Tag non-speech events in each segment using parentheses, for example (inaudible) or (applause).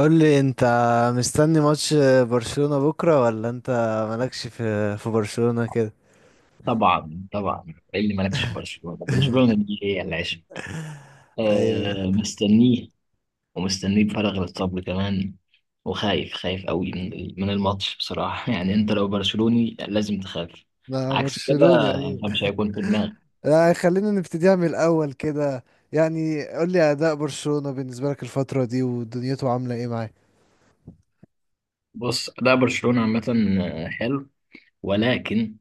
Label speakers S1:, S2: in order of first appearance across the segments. S1: قول لي انت، مستني ماتش برشلونة بكرة؟ ولا انت مالكش في برشلونة كده؟
S2: طبعا إيه اللي مالكش في برشلونة دي هي العشق.
S1: ايوه.
S2: آه، مستنيه ومستنيه بفارغ الصبر كمان. وخايف قوي من الماتش بصراحة (laughs) يعني انت لو برشلوني لازم تخاف
S1: لا،
S2: عكس كده،
S1: برشلوني. ايوه.
S2: فمش هيكون في دماغك.
S1: لا، خلينا نبتديها من الاول كده. يعني قول لي، اداء برشلونة بالنسبه لك الفتره دي ودنيته عامله ايه معاه؟
S2: بص، ده برشلونة عامة، آه، حلو، ولكن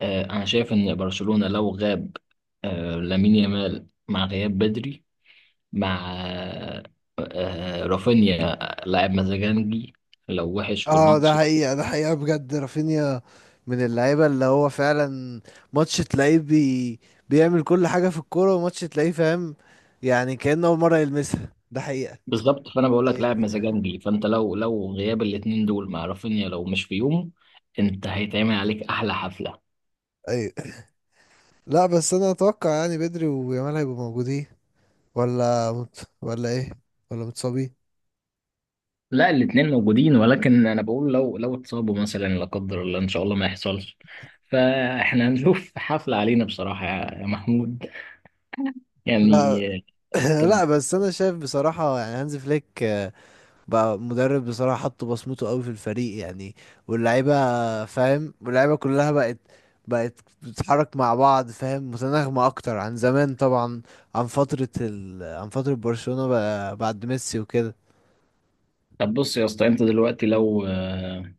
S2: آه، انا شايف ان برشلونة لو غاب آه لامين يامال مع غياب بدري، مع آه، رافينيا، لاعب مزاجنجي، لو وحش في
S1: اه ده
S2: الماتش
S1: حقيقه، ده حقيقه بجد. رافينيا من اللعيبه اللي هو فعلا ماتش تلاقيه بيعمل كل حاجه في الكوره، وماتش تلاقيه فاهم. يعني كأنه اول مره يلمسها. ده حقيقه.
S2: بالظبط. فانا بقول لك
S1: ايوه.
S2: لاعب مزاجنجي، فانت لو غياب الاثنين دول مع رافينيا لو مش في يومه، انت هيتعمل عليك احلى حفله.
S1: ايوه. لا بس انا اتوقع يعني بدري ويامال هيبقوا موجودين، ولا ايه؟ ولا متصابين؟
S2: لا، الاثنين موجودين، ولكن انا بقول لو اتصابوا مثلا، لا قدر الله، ان شاء الله ما يحصلش، فاحنا هنشوف حفله علينا بصراحه يا محمود،
S1: لا.
S2: يعني.
S1: (clears throat)
S2: طب
S1: لا، بس انا شايف بصراحه يعني هانز فليك بقى مدرب بصراحه، حط بصمته قوي في الفريق. يعني واللعيبه فاهم، واللعيبه كلها بقت بتتحرك مع بعض فاهم، متناغمه اكتر عن زمان طبعا، عن فتره برشلونه بقى بعد ميسي وكده.
S2: طب بص يا اسطى، انت دلوقتي لو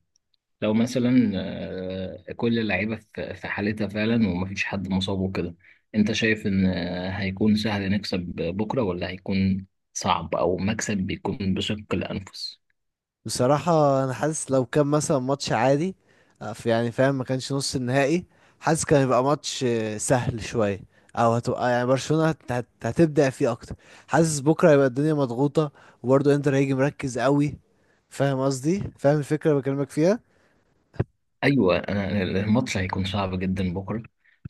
S2: لو مثلا كل اللعيبة في حالتها فعلا ومفيش حد مصاب وكده، انت شايف ان هيكون سهل نكسب بكرة، ولا هيكون صعب او مكسب بيكون بشق الانفس؟
S1: بصراحة أنا حاسس لو كان مثلا ماتش عادي، في يعني فاهم، ما كانش نص النهائي. حاسس كان يبقى ماتش سهل شوية، أو هتبقى يعني برشلونة هتبدع فيه أكتر. حاسس بكرة هيبقى الدنيا مضغوطة، وبرضه إنتر هيجي مركز قوي. فاهم قصدي، فاهم الفكرة اللي بكلمك فيها.
S2: ايوه، أنا الماتش هيكون صعب جدا بكرة.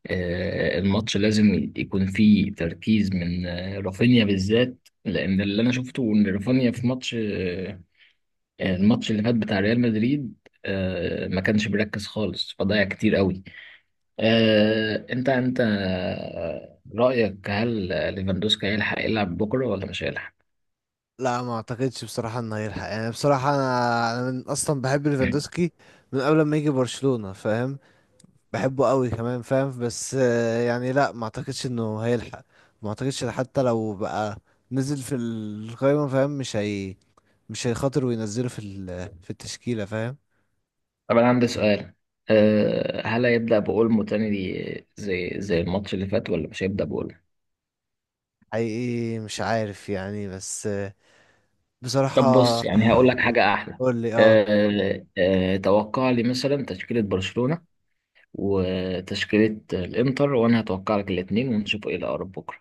S2: الماتش لازم يكون فيه تركيز من رافينيا بالذات، لان اللي انا شفته ان رافينيا في ماتش الماتش اللي فات بتاع ريال مدريد ما كانش بيركز خالص، فضيع كتير قوي. انت رأيك، هل ليفاندوسكي هيلحق يلعب بكرة ولا مش هيلحق؟
S1: لا، ما أعتقدش بصراحة إنه هيلحق. يعني بصراحة أنا من أصلا بحب
S2: مم.
S1: ليفاندوسكي من قبل ما يجي برشلونة فاهم. بحبه قوي كمان فاهم. بس يعني لا، ما اعتقدش انه هيلحق. ما اعتقدش حتى لو بقى نزل في القائمة فاهم. مش هيخاطر وينزله في التشكيلة فاهم.
S2: طب انا عندي سؤال، هل هيبدأ بأولمو تاني دي زي الماتش اللي فات، ولا مش هيبدأ بأولمو؟
S1: حقيقي مش عارف يعني، بس
S2: طب
S1: بصراحة.
S2: بص يعني هقول لك حاجة أحلى،
S1: قول لي اه.
S2: توقع لي مثلا تشكيلة برشلونة وتشكيلة الإنتر، وأنا هتوقع لك الاتنين ونشوف إيه الأقرب بكرة.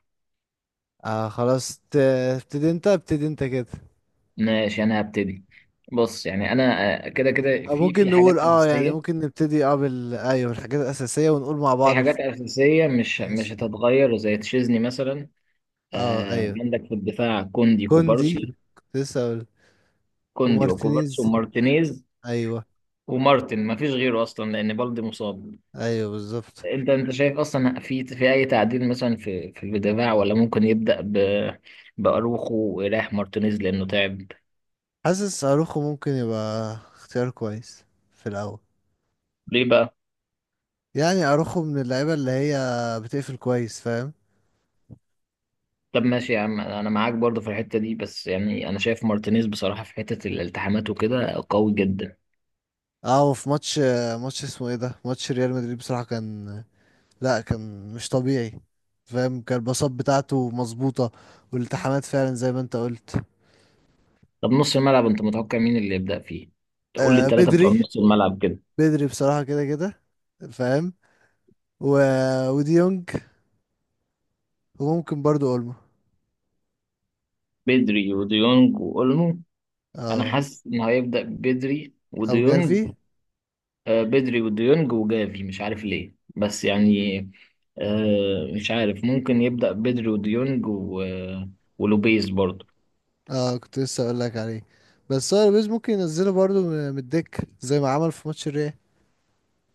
S1: آه خلاص، ابتدي انت، ابتدي انت كده.
S2: ماشي، أنا هبتدي. بص يعني أنا كده كده
S1: آه
S2: في
S1: ممكن
S2: في حاجات
S1: نقول اه، يعني
S2: أساسية،
S1: ممكن نبتدي اه ايوه، الحاجات الأساسية، ونقول مع
S2: في
S1: بعض
S2: حاجات أساسية مش
S1: ماشي.
S2: هتتغير زي تشيزني مثلا.
S1: اه
S2: آه،
S1: ايوه.
S2: عندك في الدفاع كوندي،
S1: كوندي،
S2: كوبارسي.
S1: كنت لسه اقول.
S2: كوندي وكوبارسي
S1: ومارتينيز.
S2: ومارتينيز،
S1: ايوه
S2: ومارتن ما فيش غيره أصلا لأن بالدي مصاب.
S1: ايوه بالظبط.
S2: أنت شايف أصلا في في أي تعديل مثلا في الدفاع، ولا ممكن يبدأ ب بأروخو ويريح مارتينيز لأنه تعب؟
S1: حاسس اروخو ممكن يبقى اختيار كويس في الاول.
S2: ليه بقى؟
S1: يعني اروخو من اللعيبه اللي هي بتقفل كويس فاهم.
S2: طب ماشي يا عم، أنا معاك برضه في الحتة دي، بس يعني أنا شايف مارتينيز بصراحة في حتة الالتحامات وكده قوي جدا.
S1: اه، وفي ماتش، ماتش اسمه ايه ده، ماتش ريال مدريد بصراحه كان، لا كان مش طبيعي فاهم. كان الباصات بتاعته مظبوطه، والالتحامات فعلا زي ما انت قلت.
S2: طب نص الملعب انت متوقع مين اللي يبدأ فيه؟ تقول لي
S1: آه
S2: الثلاثة بتوع
S1: بدري.
S2: نص الملعب كده.
S1: بدري بصراحه كده كده فاهم. و... وديونج، وممكن برضو اولمو.
S2: بدري وديونج وأولمو. أنا
S1: اه.
S2: حاسس إن هيبدأ بدري
S1: او جافي.
S2: وديونج. آه، بدري وديونج وجافي، مش عارف ليه بس يعني، آه مش عارف، ممكن يبدأ بدري وديونج و... ولوبيز برضه.
S1: اه كنت لسه اقول لك عليه. بس هو البيز ممكن ينزله برضه من الدكة زي ما عمل في ماتش الريال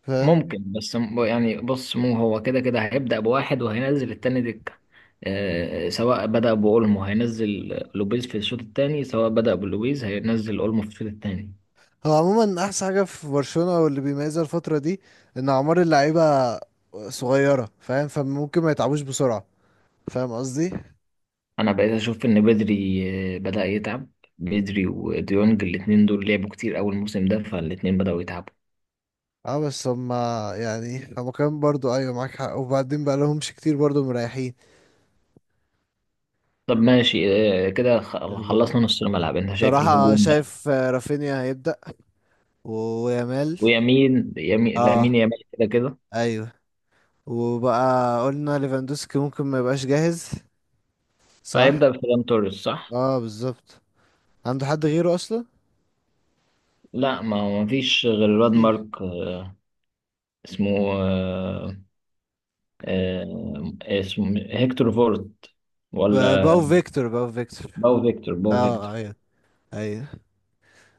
S1: فاهم.
S2: ممكن بس يعني بص، مو هو كده كده هيبدأ بواحد وهينزل التاني دكة. سواء بدأ بأولمو هينزل لوبيز في الشوط الثاني، سواء بدأ بلوبيز هينزل أولمو في الشوط الثاني.
S1: هو عموما احسن حاجة في برشلونة واللي بيميزها الفترة دي، ان اعمار اللعيبة صغيرة فاهم، فممكن ما يتعبوش بسرعة فاهم قصدي.
S2: انا بقيت اشوف ان بدري بدأ يتعب. بدري وديونج الاتنين دول لعبوا كتير اول موسم ده، فالاتنين بدأوا يتعبوا.
S1: اه بس هما، يعني هما كمان برضه، ايوه معاك حق. وبعدين بقى لهمش كتير برضه مريحين.
S2: طب ماشي، كده
S1: الهجوم،
S2: خلصنا نص الملعب. انت شايف
S1: صراحة
S2: الهجوم بقى؟
S1: شايف رافينيا هيبدأ ويامال.
S2: ويمين لامين
S1: اه
S2: يامال كده كده.
S1: ايوه. وبقى قلنا ليفاندوسكي ممكن ما يبقاش جاهز، صح.
S2: فهيبدأ بفيران توريس، صح.
S1: اه بالظبط. عنده حد غيره اصلا؟
S2: لا، ما فيش غير الواد
S1: مفيش.
S2: مارك اسمه، آه، اسمه هيكتور فورت، ولا
S1: باو فيكتور. باو فيكتور.
S2: باو فيكتور؟ باو فيكتور.
S1: اه ايوه. ايوه.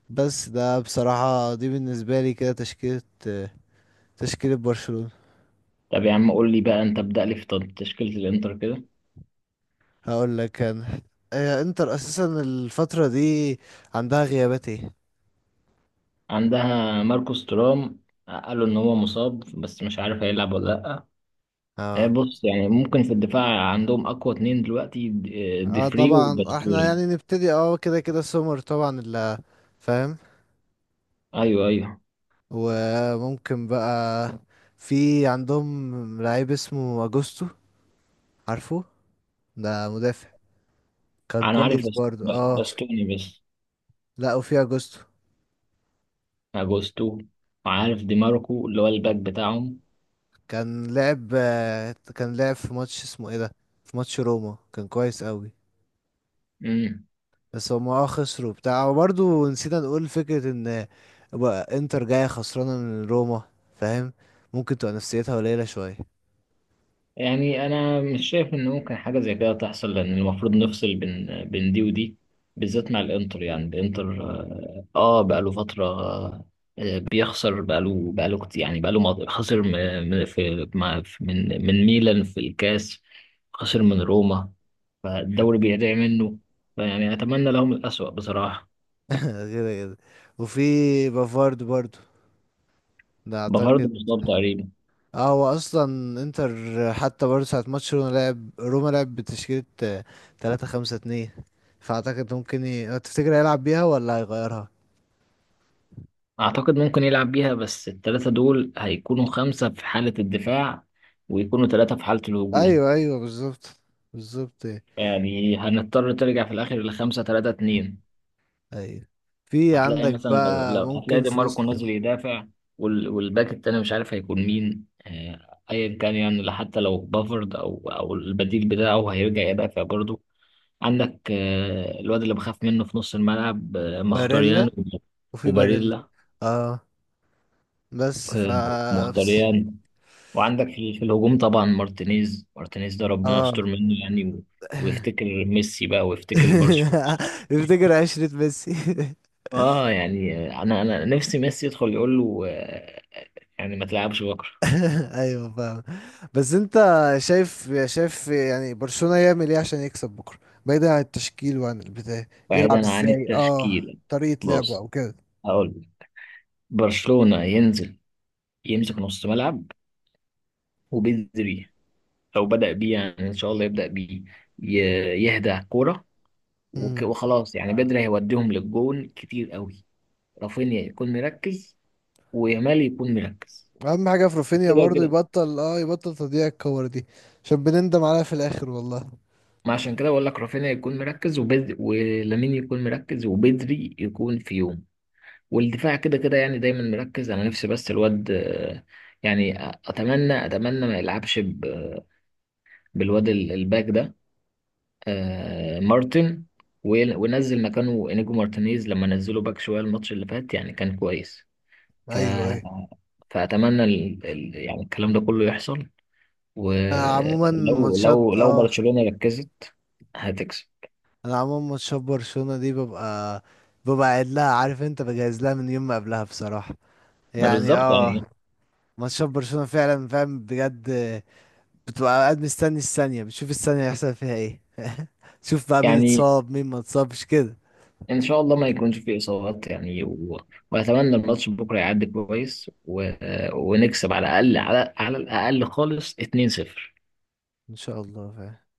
S1: بس ده بصراحة، دي بالنسبة لي كده تشكيلة، تشكيلة برشلونة.
S2: طب يا عم، قول لي بقى انت، ابدأ لي في تشكيلة الانتر كده.
S1: هقول لك انا، انتر اساسا الفترة دي عندها غيابات ايه؟
S2: عندها ماركوس تورام، قالوا ان هو مصاب بس مش عارف هيلعب ولا لا.
S1: اه،
S2: بص يعني ممكن في الدفاع عندهم اقوى اتنين دلوقتي،
S1: اه
S2: ديفري
S1: طبعا احنا
S2: وباستوني.
S1: يعني نبتدي اه كده كده سومر طبعا اللي فاهم.
S2: ايوه
S1: وممكن بقى في عندهم لعيب اسمه اجوستو، عارفه؟ ده مدافع كان
S2: انا عارف
S1: كويس برضو اه.
S2: باستوني بس،
S1: لا، وفي اجوستو.
S2: اجوستو، وعارف دي ماركو اللي هو الباك بتاعهم.
S1: كان لعب، كان لعب في ماتش اسمه ايه ده، في ماتش روما كان كويس قوي.
S2: مم.
S1: بس هما اه خسروا بتاع، وبرضو نسينا نقول فكرة ان بقى انتر جاية خسرانة من روما فاهم. ممكن تبقى نفسيتها قليلة شوية (laughs)
S2: يعني انا مش شايف ان ممكن حاجه زي كده تحصل، لان المفروض نفصل بين دي ودي، بالذات مع الانتر. يعني الانتر اه، آه، بقاله فتره آه بيخسر، بقاله كتير، يعني خسر من ميلان في الكاس، خسر من روما، فالدوري بيضيع منه. فيعني اتمنى لهم الأسوأ بصراحه.
S1: كده كده. وفي بافارد برضو، ده
S2: بفرض
S1: اعتقد.
S2: مصاب تقريبا.
S1: اه هو اصلا انتر، حتى برضه ساعة ماتش روما لعب، روما لعب بتشكيلة 3-5-2. فاعتقد ممكن تفتكر هيلعب بيها ولا هيغيرها؟
S2: اعتقد ممكن يلعب بيها، بس الثلاثه دول هيكونوا خمسه في حاله الدفاع، ويكونوا ثلاثه في حاله الهجوم.
S1: ايوه ايوه بالظبط، بالظبط.
S2: يعني هنضطر ترجع في الاخر لخمسة تلاتة اتنين.
S1: ايوه. في
S2: هتلاقي
S1: عندك
S2: مثلا لو,
S1: بقى
S2: هتلاقي
S1: ممكن
S2: دي
S1: في وسط
S2: ماركو نازل يدافع، وال... والباك التاني مش عارف هيكون مين، ايا كان يعني، لا حتى لو بافارد او البديل بتاعه هيرجع يدافع برضه. عندك الواد اللي بخاف منه في نص الملعب، مختاريان
S1: باريلا، وفي باريلا
S2: وباريلا،
S1: اه. بس ف
S2: آه،
S1: بس
S2: مختاريان وعندك في, في الهجوم طبعا مارتينيز. ده ربنا
S1: اه.
S2: يستر منه يعني، و... ويفتكر ميسي بقى، ويفتكر برشلونة.
S1: (laughs) تفتكر 10 ميسي (laughs)
S2: اه يعني انا نفسي ميسي يدخل يقول له يعني ما تلعبش بكره.
S1: (laughs) ايوه فاهم. بس انت، شايف يعني برشلونة يعمل ايه عشان يكسب بكره؟ بعيدا عن التشكيل وعن البتاع. يلعب
S2: بعيدا عن
S1: ازاي، اه
S2: التشكيله.
S1: طريقة لعبه
S2: بص
S1: او كده.
S2: هقول لك. برشلونه ينزل يمسك نص ملعب، وبدري لو بدأ بيه، يعني ان شاء الله يبدأ بيه، يهدى كوره،
S1: امم.
S2: وخلاص، يعني بدري هيوديهم للجون كتير قوي. رافينيا يكون مركز، ويامال يكون مركز،
S1: اهم حاجة في رافينيا
S2: كده
S1: برضو
S2: كده.
S1: يبطل، اه يبطل تضييع الكور دي، عشان بنندم عليها في الاخر والله.
S2: ما عشان كده بقول لك رافينيا يكون مركز، وبدري ولامين يكون مركز، وبدري يكون في يوم. والدفاع كده كده يعني دايما مركز. انا نفسي بس الواد يعني اتمنى ما يلعبش بالواد الباك ده، مارتن، وينزل مكانه انيجو مارتينيز، لما نزله باك شويه الماتش اللي فات يعني كان كويس. ف
S1: ايوه ايوه.
S2: فاتمنى ال... ال... يعني الكلام ده كله يحصل.
S1: آه عموما
S2: ولو
S1: ماتشات
S2: لو
S1: اه،
S2: برشلونه ركزت هتكسب.
S1: انا عموما ماتشات برشلونة دي ببقى، ببقى قاعد لها. عارف انت، بجهز لها من يوم ما قبلها بصراحة،
S2: ما
S1: يعني
S2: بالظبط
S1: اه،
S2: يعني.
S1: ماتشات برشلونة فعلا فاهم بجد. بتبقى قاعد مستني الثانية، بتشوف الثانية هيحصل فيها ايه (laughs) تشوف بقى مين
S2: يعني
S1: اتصاب مين ما اتصابش كده.
S2: ان شاء الله ما يكونش فيه اصابات يعني، و... واتمنى الماتش بكره يعدي كويس، و... ونكسب على الاقل، على الاقل خالص، 2-0.
S1: ان شاء الله فاهم.